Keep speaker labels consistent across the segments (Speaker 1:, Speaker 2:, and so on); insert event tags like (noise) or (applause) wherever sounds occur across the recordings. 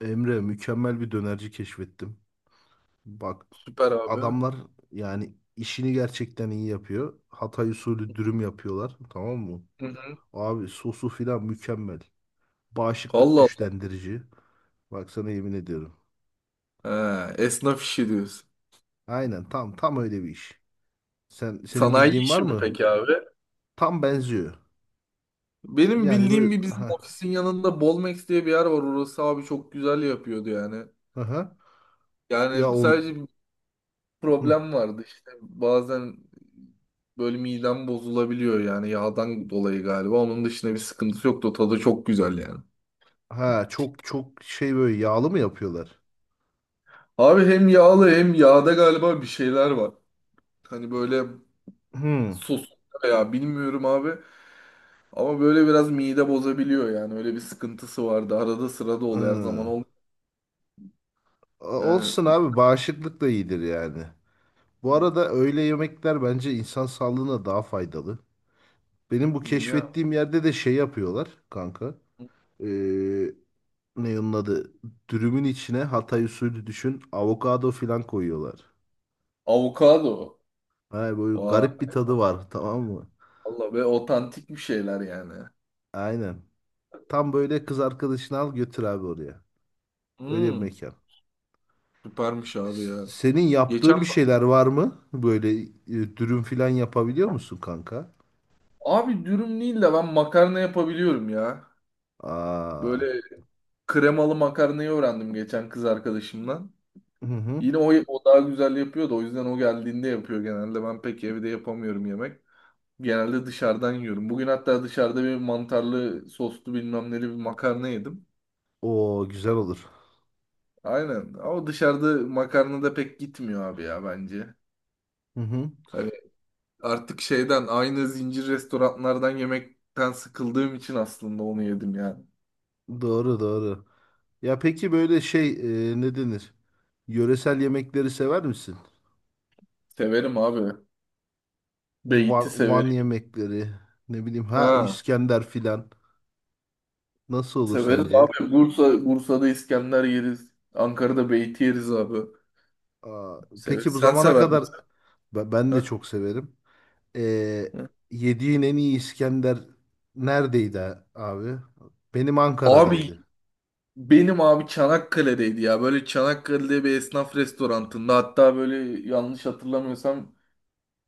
Speaker 1: Emre, mükemmel bir dönerci keşfettim. Bak
Speaker 2: Süper abi.
Speaker 1: adamlar yani işini gerçekten iyi yapıyor. Hatay usulü dürüm yapıyorlar, tamam mı?
Speaker 2: Hı hı.
Speaker 1: Abi sosu filan mükemmel. Bağışıklık
Speaker 2: Allah
Speaker 1: güçlendirici. Bak sana yemin ediyorum.
Speaker 2: Allah. He, esnaf işi diyorsun.
Speaker 1: Aynen tam öyle bir iş. Senin
Speaker 2: Sanayi
Speaker 1: bildiğin var
Speaker 2: işi mi
Speaker 1: mı?
Speaker 2: peki abi?
Speaker 1: Tam benziyor.
Speaker 2: Benim
Speaker 1: Yani
Speaker 2: bildiğim
Speaker 1: böyle
Speaker 2: bir, bizim
Speaker 1: ha
Speaker 2: ofisin yanında Bolmex diye bir yer var. Orası abi çok güzel yapıyordu yani.
Speaker 1: ha ha. ya
Speaker 2: Yani
Speaker 1: on
Speaker 2: sadece bir
Speaker 1: hı.
Speaker 2: problem vardı işte. Bazen böyle midem bozulabiliyor yani yağdan dolayı galiba. Onun dışında bir sıkıntısı yoktu. Tadı çok güzel yani.
Speaker 1: Ha çok şey, böyle yağlı mı yapıyorlar?
Speaker 2: Abi hem yağlı hem yağda galiba bir şeyler var. Hani böyle
Speaker 1: Hı.
Speaker 2: sos, ya bilmiyorum abi. Ama böyle biraz mide bozabiliyor yani. Öyle bir sıkıntısı vardı. Arada sırada oluyor. Her zaman
Speaker 1: Hı.
Speaker 2: olmuyor. Yani
Speaker 1: Olsun abi, bağışıklık da iyidir yani. Bu arada öğle yemekler bence insan sağlığına daha faydalı. Benim bu
Speaker 2: niye?
Speaker 1: keşfettiğim yerde de şey yapıyorlar kanka. Ee, ne onun adı? Dürümün içine Hatay usulü düşün. Avokado filan koyuyorlar.
Speaker 2: Avokado.
Speaker 1: Ha, böyle
Speaker 2: Vay.
Speaker 1: garip bir tadı var (laughs) tamam mı?
Speaker 2: Valla ve otantik bir şeyler yani.
Speaker 1: Aynen. Tam böyle kız arkadaşını al götür abi oraya. Öyle bir
Speaker 2: Hmm,
Speaker 1: mekan.
Speaker 2: süpermiş abi ya.
Speaker 1: Senin
Speaker 2: Geçen
Speaker 1: yaptığın bir şeyler var mı? Böyle dürüm filan yapabiliyor musun kanka?
Speaker 2: abi, dürüm değil de ben makarna yapabiliyorum ya.
Speaker 1: Aa.
Speaker 2: Böyle kremalı makarnayı öğrendim geçen kız arkadaşımdan.
Speaker 1: Hı hı.
Speaker 2: Yine o daha güzel yapıyor da o yüzden o geldiğinde yapıyor genelde. Ben pek evde yapamıyorum yemek. Genelde dışarıdan yiyorum. Bugün hatta dışarıda bir mantarlı soslu bilmem neli bir makarna yedim.
Speaker 1: O güzel olur.
Speaker 2: Aynen. Ama dışarıda makarna da pek gitmiyor abi ya bence.
Speaker 1: Hı hı.
Speaker 2: Hani artık şeyden, aynı zincir restoranlardan yemekten sıkıldığım için aslında onu yedim yani.
Speaker 1: Doğru doğru. Ya peki böyle şey, ne denir? Yöresel yemekleri sever misin?
Speaker 2: Severim abi.
Speaker 1: Van,
Speaker 2: Beyti
Speaker 1: Van
Speaker 2: severim.
Speaker 1: yemekleri, ne bileyim ha,
Speaker 2: Ha,
Speaker 1: İskender filan. Nasıl olur
Speaker 2: severiz
Speaker 1: sence?
Speaker 2: abi. Bursa'da İskender yeriz. Ankara'da beyti yeriz abi.
Speaker 1: Aa,
Speaker 2: Severiz.
Speaker 1: peki bu
Speaker 2: Sen
Speaker 1: zamana
Speaker 2: sever
Speaker 1: kadar
Speaker 2: misin?
Speaker 1: ben de
Speaker 2: Ha?
Speaker 1: çok severim. Ee,
Speaker 2: Ha.
Speaker 1: yediğin en iyi İskender neredeydi abi? Benim
Speaker 2: Abi
Speaker 1: Ankara'daydı.
Speaker 2: benim abi Çanakkale'deydi ya. Böyle Çanakkale'de bir esnaf restorantında, hatta böyle yanlış hatırlamıyorsam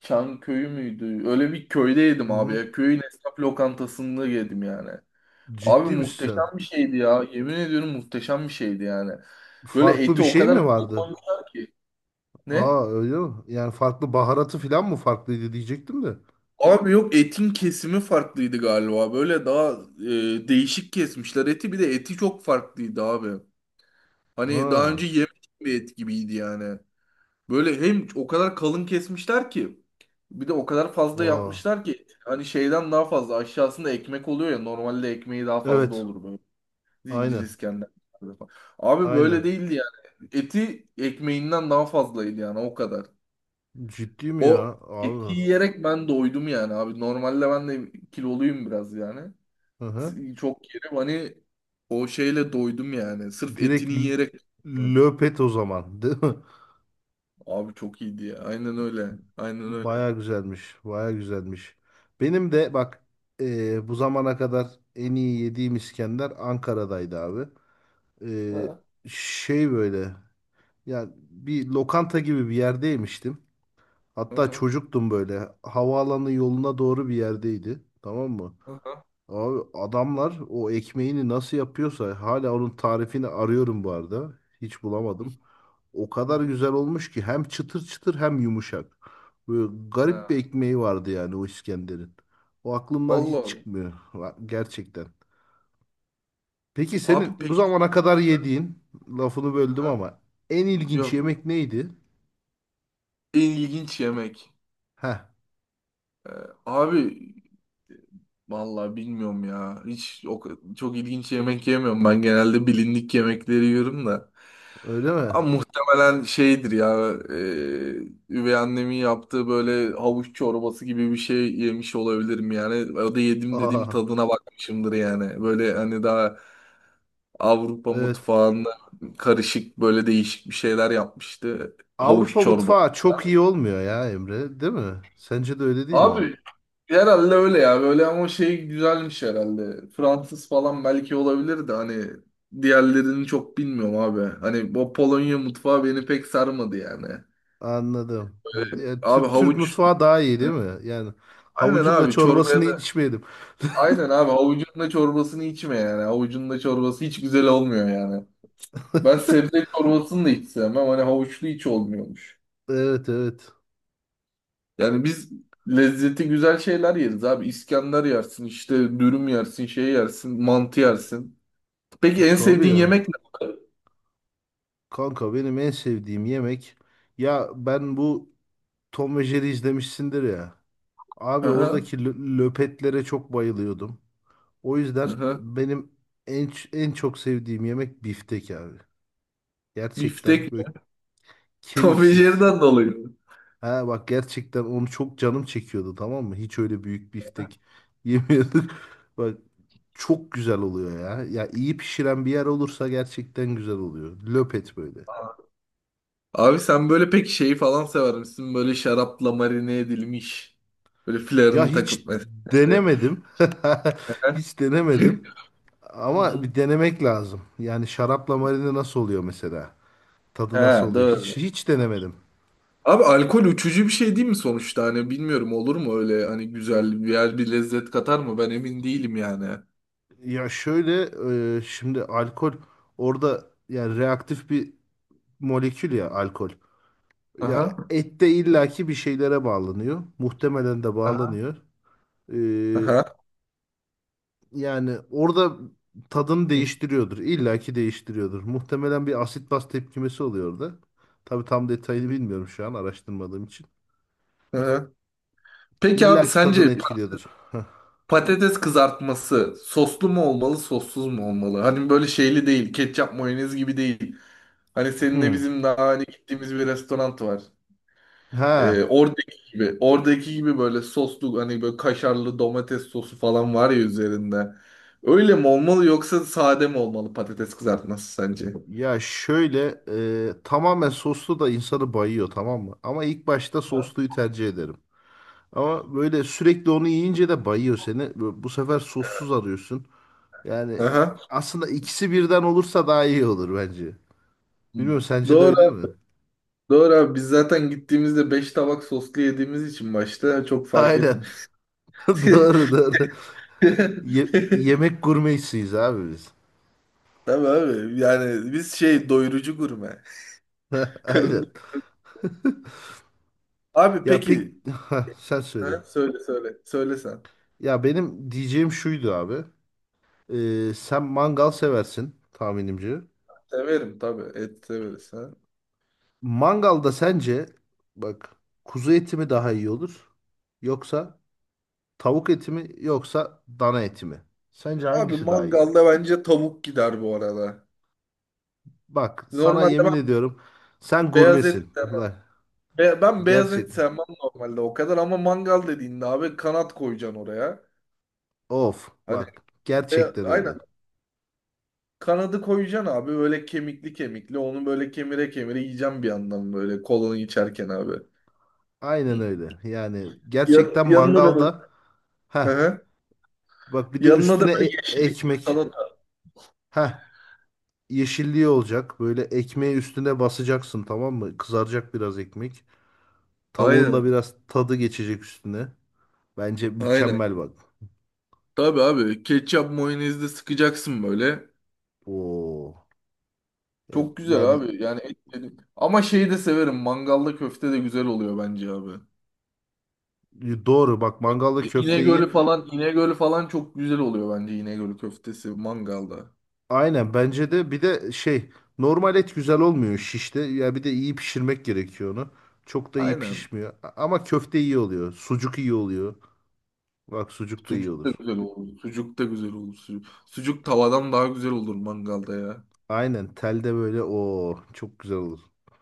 Speaker 2: Çanköy'ü müydü? Öyle bir köyde yedim
Speaker 1: Hı
Speaker 2: abi
Speaker 1: hı.
Speaker 2: ya. Köyün esnaf lokantasında yedim yani. Abi
Speaker 1: Ciddi misin sen?
Speaker 2: muhteşem bir şeydi ya. Yemin ediyorum muhteşem bir şeydi yani. Böyle
Speaker 1: Farklı
Speaker 2: eti
Speaker 1: bir
Speaker 2: o
Speaker 1: şey
Speaker 2: kadar
Speaker 1: mi
Speaker 2: bol
Speaker 1: vardı?
Speaker 2: koymuşlar ki. Ne?
Speaker 1: Aa öyle mi? Yani farklı baharatı filan mı farklıydı diyecektim de.
Speaker 2: Abi yok, etin kesimi farklıydı galiba. Böyle daha değişik kesmişler eti. Bir de eti çok farklıydı abi. Hani daha
Speaker 1: Ha.
Speaker 2: önce yemedim bir et gibiydi yani. Böyle hem o kadar kalın kesmişler ki bir de o kadar fazla
Speaker 1: Aa,
Speaker 2: yapmışlar ki, hani şeyden daha fazla, aşağısında ekmek oluyor ya normalde, ekmeği daha fazla
Speaker 1: evet.
Speaker 2: olur böyle zincir
Speaker 1: Aynen.
Speaker 2: İskender. Falan. Abi böyle
Speaker 1: Aynen.
Speaker 2: değildi yani. Eti ekmeğinden daha fazlaydı yani o kadar.
Speaker 1: Ciddi mi ya
Speaker 2: O
Speaker 1: abi?
Speaker 2: eti yiyerek ben doydum yani abi. Normalde ben de kiloluyum biraz yani.
Speaker 1: Hı hı.
Speaker 2: Çok yerim hani, o şeyle doydum yani. Sırf
Speaker 1: Direkt
Speaker 2: etini yiyerek.
Speaker 1: löpet o zaman, (laughs) değil mi?
Speaker 2: Abi çok iyiydi ya. Aynen öyle. Aynen öyle.
Speaker 1: Baya güzelmiş. Baya güzelmiş. Benim de bak, bu zamana kadar en iyi yediğim İskender Ankara'daydı abi.
Speaker 2: Ha.
Speaker 1: E, şey böyle, yani bir lokanta gibi bir yerdeymiştim. Hatta
Speaker 2: Aha.
Speaker 1: çocuktum böyle. Havaalanı yoluna doğru bir yerdeydi. Tamam mı?
Speaker 2: Aha.
Speaker 1: Abi adamlar o ekmeğini nasıl yapıyorsa hala onun tarifini arıyorum bu arada. Hiç
Speaker 2: Hı
Speaker 1: bulamadım. O
Speaker 2: hı.
Speaker 1: kadar
Speaker 2: Hı.
Speaker 1: güzel olmuş ki hem çıtır çıtır hem yumuşak. Böyle garip bir
Speaker 2: Ha,
Speaker 1: ekmeği vardı yani o İskender'in. O aklımdan
Speaker 2: Allah
Speaker 1: hiç
Speaker 2: Allah.
Speaker 1: çıkmıyor gerçekten. Peki
Speaker 2: Abi
Speaker 1: senin bu
Speaker 2: peki.
Speaker 1: zamana kadar yediğin, lafını böldüm
Speaker 2: Aha.
Speaker 1: ama, en ilginç
Speaker 2: Yok.
Speaker 1: yemek neydi?
Speaker 2: En ilginç yemek.
Speaker 1: Heh,
Speaker 2: Ee, abi e, vallahi bilmiyorum ya. Hiç o, çok ilginç yemek yemiyorum. Ben genelde bilindik yemekleri yiyorum da.
Speaker 1: öyle mi?
Speaker 2: Ama muhtemelen şeydir ya. Üvey annemin yaptığı böyle havuç çorbası gibi bir şey yemiş olabilirim yani. O da yedim dediğim,
Speaker 1: Aa,
Speaker 2: tadına bakmışımdır yani. Böyle hani daha Avrupa
Speaker 1: evet.
Speaker 2: mutfağında karışık böyle değişik bir şeyler yapmıştı. Havuç
Speaker 1: Avrupa
Speaker 2: çorba.
Speaker 1: mutfağı çok iyi olmuyor ya Emre, değil mi? Sence de öyle değil mi?
Speaker 2: Abi herhalde öyle ya böyle, ama şey güzelmiş herhalde. Fransız falan belki olabilir de, hani diğerlerini çok bilmiyorum abi. Hani o Polonya mutfağı beni pek sarmadı yani.
Speaker 1: Anladım. Ya,
Speaker 2: Abi
Speaker 1: Türk
Speaker 2: havuç,
Speaker 1: mutfağı daha iyi değil mi? Yani
Speaker 2: aynen
Speaker 1: havucun da
Speaker 2: abi
Speaker 1: çorbasını
Speaker 2: çorbaya da,
Speaker 1: içmeyelim.
Speaker 2: aynen abi havucun da çorbasını içme yani. Havucun da çorbası hiç güzel olmuyor yani. Ben sebze çorbasını da hiç sevmem. Hani havuçlu hiç olmuyormuş.
Speaker 1: Evet evet.
Speaker 2: Yani biz lezzeti güzel şeyler yeriz abi. İskender yersin, işte dürüm yersin, şey yersin, mantı yersin. Peki en
Speaker 1: Tabii
Speaker 2: sevdiğin
Speaker 1: ya.
Speaker 2: yemek ne?
Speaker 1: Kanka benim en sevdiğim yemek. Ya ben bu Tom ve Jerry izlemişsindir ya. Abi
Speaker 2: Aha,
Speaker 1: oradaki löpetlere çok bayılıyordum. O yüzden
Speaker 2: aha.
Speaker 1: benim en çok sevdiğim yemek biftek abi.
Speaker 2: Biftek
Speaker 1: Gerçekten böyle
Speaker 2: (laughs) Tom ve
Speaker 1: kemiksiz.
Speaker 2: Jerry'den dolayı.
Speaker 1: Ha bak, gerçekten onu çok canım çekiyordu tamam mı? Hiç öyle büyük biftek yemiyorduk. (laughs) Bak çok güzel oluyor ya. Ya iyi pişiren bir yer olursa gerçekten güzel oluyor. Löpet böyle.
Speaker 2: Abi sen böyle pek şeyi falan sever misin? Böyle şarapla marine edilmiş. Böyle
Speaker 1: Ya
Speaker 2: flarını takıp
Speaker 1: hiç
Speaker 2: mesela. İşte.
Speaker 1: denemedim. (laughs) Hiç denemedim.
Speaker 2: (laughs) Hı
Speaker 1: Ama
Speaker 2: hı.
Speaker 1: bir denemek lazım. Yani şarapla marine nasıl oluyor mesela?
Speaker 2: He
Speaker 1: Tadı nasıl oluyor?
Speaker 2: doğru.
Speaker 1: Hiç denemedim.
Speaker 2: Abi alkol uçucu bir şey değil mi sonuçta? Hani bilmiyorum, olur mu öyle, hani güzel bir yer bir lezzet katar mı? Ben emin değilim yani.
Speaker 1: Ya şöyle, şimdi alkol orada yani reaktif bir molekül ya, alkol. Ya
Speaker 2: Aha.
Speaker 1: ette illaki bir şeylere bağlanıyor. Muhtemelen de
Speaker 2: Aha.
Speaker 1: bağlanıyor. Ee,
Speaker 2: Aha.
Speaker 1: yani orada tadını değiştiriyordur. İllaki değiştiriyordur. Muhtemelen bir asit baz tepkimesi oluyor orada. Tabii tam detayını bilmiyorum şu an araştırmadığım için.
Speaker 2: Hı-hı. Peki abi
Speaker 1: İllaki
Speaker 2: sence
Speaker 1: tadını etkiliyordur. (laughs) Heh.
Speaker 2: patates kızartması soslu mu olmalı, sossuz mu olmalı? Hani böyle şeyli değil, ketçap mayonez gibi değil. Hani seninle
Speaker 1: Hmm.
Speaker 2: bizim daha hani gittiğimiz bir restoran var.
Speaker 1: Ha.
Speaker 2: Oradaki gibi, oradaki gibi böyle soslu, hani böyle kaşarlı domates sosu falan var ya üzerinde. Öyle mi olmalı yoksa sade mi olmalı patates kızartması sence?
Speaker 1: Ya şöyle, tamamen soslu da insanı bayıyor tamam mı? Ama ilk başta sosluyu tercih ederim. Ama böyle sürekli onu yiyince de bayıyor seni. Bu sefer sossuz arıyorsun. Yani
Speaker 2: Aha.
Speaker 1: aslında ikisi birden olursa daha iyi olur bence. Bilmiyorum, sence de öyle değil
Speaker 2: Doğru,
Speaker 1: mi?
Speaker 2: doğru abi. Biz zaten gittiğimizde 5 tabak soslu yediğimiz için başta çok fark
Speaker 1: Aynen.
Speaker 2: etmiyor.
Speaker 1: (laughs) Doğru doğru.
Speaker 2: (laughs)
Speaker 1: Yemek gurmesiyiz abi biz.
Speaker 2: Tabii abi. Yani biz şey, doyurucu gurme.
Speaker 1: (laughs)
Speaker 2: (laughs) Karın.
Speaker 1: Aynen. (laughs)
Speaker 2: Abi
Speaker 1: Ya pek
Speaker 2: peki.
Speaker 1: (laughs) Ha, sen söyle.
Speaker 2: Ha? Söyle söyle. Söyle sen.
Speaker 1: Ya benim diyeceğim şuydu abi. Sen mangal seversin tahminimce.
Speaker 2: Severim tabii. Et severiz. Ha?
Speaker 1: Mangalda sence bak, kuzu eti mi daha iyi olur? Yoksa tavuk eti mi, yoksa dana eti mi? Sence
Speaker 2: Abi
Speaker 1: hangisi daha iyi olur?
Speaker 2: mangalda bence tavuk gider bu arada.
Speaker 1: Bak sana
Speaker 2: Normalde
Speaker 1: yemin
Speaker 2: ben
Speaker 1: ediyorum, sen
Speaker 2: beyaz et
Speaker 1: gurmesin.
Speaker 2: sevmem.
Speaker 1: Bak
Speaker 2: Ben beyaz
Speaker 1: gerçek,
Speaker 2: et sevmem normalde o kadar, ama mangal dediğinde abi kanat koyacaksın oraya.
Speaker 1: of
Speaker 2: Hani
Speaker 1: bak,
Speaker 2: be-
Speaker 1: gerçekten öyle.
Speaker 2: aynen kanadı koyacaksın abi, böyle kemikli kemikli onu böyle kemire kemire yiyeceğim bir yandan böyle kolunu içerken abi.
Speaker 1: Aynen
Speaker 2: Hı.
Speaker 1: öyle. Yani
Speaker 2: Yan-
Speaker 1: gerçekten
Speaker 2: yanına da
Speaker 1: mangalda, ha
Speaker 2: böyle.
Speaker 1: bak, bir de
Speaker 2: Yanına da
Speaker 1: üstüne
Speaker 2: böyle yeşillik bir
Speaker 1: ekmek.
Speaker 2: salata.
Speaker 1: Ha, yeşilliği olacak. Böyle ekmeği üstüne basacaksın tamam mı? Kızaracak biraz ekmek. Tavuğun da
Speaker 2: Aynen.
Speaker 1: biraz tadı geçecek üstüne. Bence
Speaker 2: Aynen.
Speaker 1: mükemmel bak.
Speaker 2: Tabii abi ketçap mayonezle sıkacaksın böyle.
Speaker 1: Oo. E,
Speaker 2: Çok güzel
Speaker 1: Yani
Speaker 2: abi. Yani et dedim. Ama şeyi de severim. Mangalda köfte de güzel oluyor bence abi.
Speaker 1: doğru bak, mangalda
Speaker 2: E,
Speaker 1: köfteyi
Speaker 2: İnegöl'ü falan çok güzel oluyor bence İnegöl köftesi mangalda.
Speaker 1: aynen, bence de bir de şey, normal et güzel olmuyor şişte. Ya bir de iyi pişirmek gerekiyor onu. Çok da iyi
Speaker 2: Aynen.
Speaker 1: pişmiyor. Ama köfte iyi oluyor. Sucuk iyi oluyor. Bak sucuk da iyi
Speaker 2: Sucuk da
Speaker 1: olur.
Speaker 2: güzel olur. Sucuk da güzel olur. Sucuk tavadan daha güzel olur mangalda ya.
Speaker 1: Aynen telde böyle o çok güzel olur.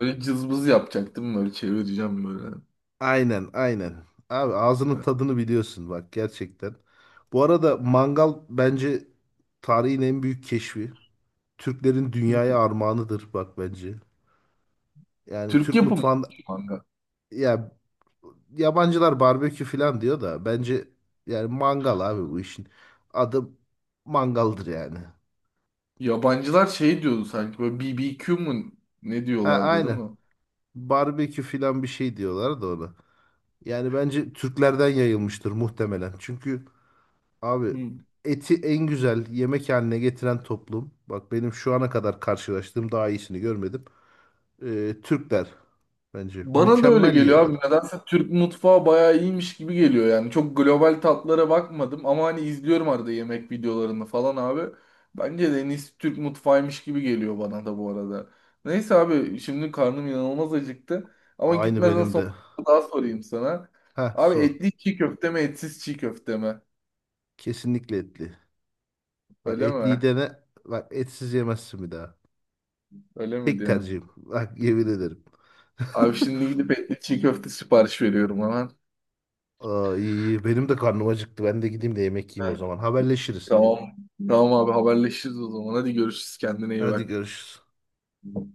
Speaker 2: Böyle cızbız yapacaktım böyle çevireceğim böyle.
Speaker 1: Aynen aynen. Abi ağzının tadını biliyorsun bak, gerçekten. Bu arada mangal bence tarihin en büyük keşfi. Türklerin dünyaya
Speaker 2: (laughs)
Speaker 1: armağanıdır bak bence. Yani
Speaker 2: Türk
Speaker 1: Türk
Speaker 2: yapımı
Speaker 1: mutfağında,
Speaker 2: mangal.
Speaker 1: ya yabancılar barbekü falan diyor da, bence yani mangal abi, bu işin adı mangaldır yani.
Speaker 2: Yabancılar şey diyordu sanki böyle BBQ mu ne
Speaker 1: Ha
Speaker 2: diyorlardı, değil
Speaker 1: aynen.
Speaker 2: mi?
Speaker 1: Barbekü falan bir şey diyorlar da ona. Yani bence Türklerden yayılmıştır muhtemelen. Çünkü abi
Speaker 2: Hmm.
Speaker 1: eti en güzel yemek haline getiren toplum. Bak benim şu ana kadar karşılaştığım daha iyisini görmedim. Türkler bence
Speaker 2: Bana da öyle
Speaker 1: mükemmel
Speaker 2: geliyor abi.
Speaker 1: yiyorlar.
Speaker 2: Nedense Türk mutfağı bayağı iyiymiş gibi geliyor yani. Çok global tatlara bakmadım ama hani izliyorum arada yemek videolarını falan abi. Bence de en iyisi Türk mutfağıymış gibi geliyor bana da bu arada. Neyse abi şimdi karnım inanılmaz acıktı. Ama
Speaker 1: Aynı
Speaker 2: gitmeden
Speaker 1: benim
Speaker 2: sonra
Speaker 1: de.
Speaker 2: daha sorayım sana.
Speaker 1: Ha
Speaker 2: Abi
Speaker 1: sor.
Speaker 2: etli çiğ köfte mi, etsiz çiğ köfte mi?
Speaker 1: Kesinlikle etli. Bak
Speaker 2: Öyle
Speaker 1: etliyi
Speaker 2: mi?
Speaker 1: dene. Bak etsiz yemezsin bir daha.
Speaker 2: Öyle mi
Speaker 1: Tek
Speaker 2: diyorsun?
Speaker 1: tercihim. Bak yemin ederim.
Speaker 2: Abi
Speaker 1: (laughs)
Speaker 2: şimdi gidip etli çiğ köfte sipariş veriyorum hemen.
Speaker 1: Ay, benim de karnım acıktı. Ben de gideyim de yemek yiyeyim o
Speaker 2: Ha,
Speaker 1: zaman. Haberleşiriz.
Speaker 2: tamam. Tamam abi, haberleşiriz o zaman. Hadi görüşürüz. Kendine iyi
Speaker 1: Hadi
Speaker 2: bak.
Speaker 1: görüşürüz.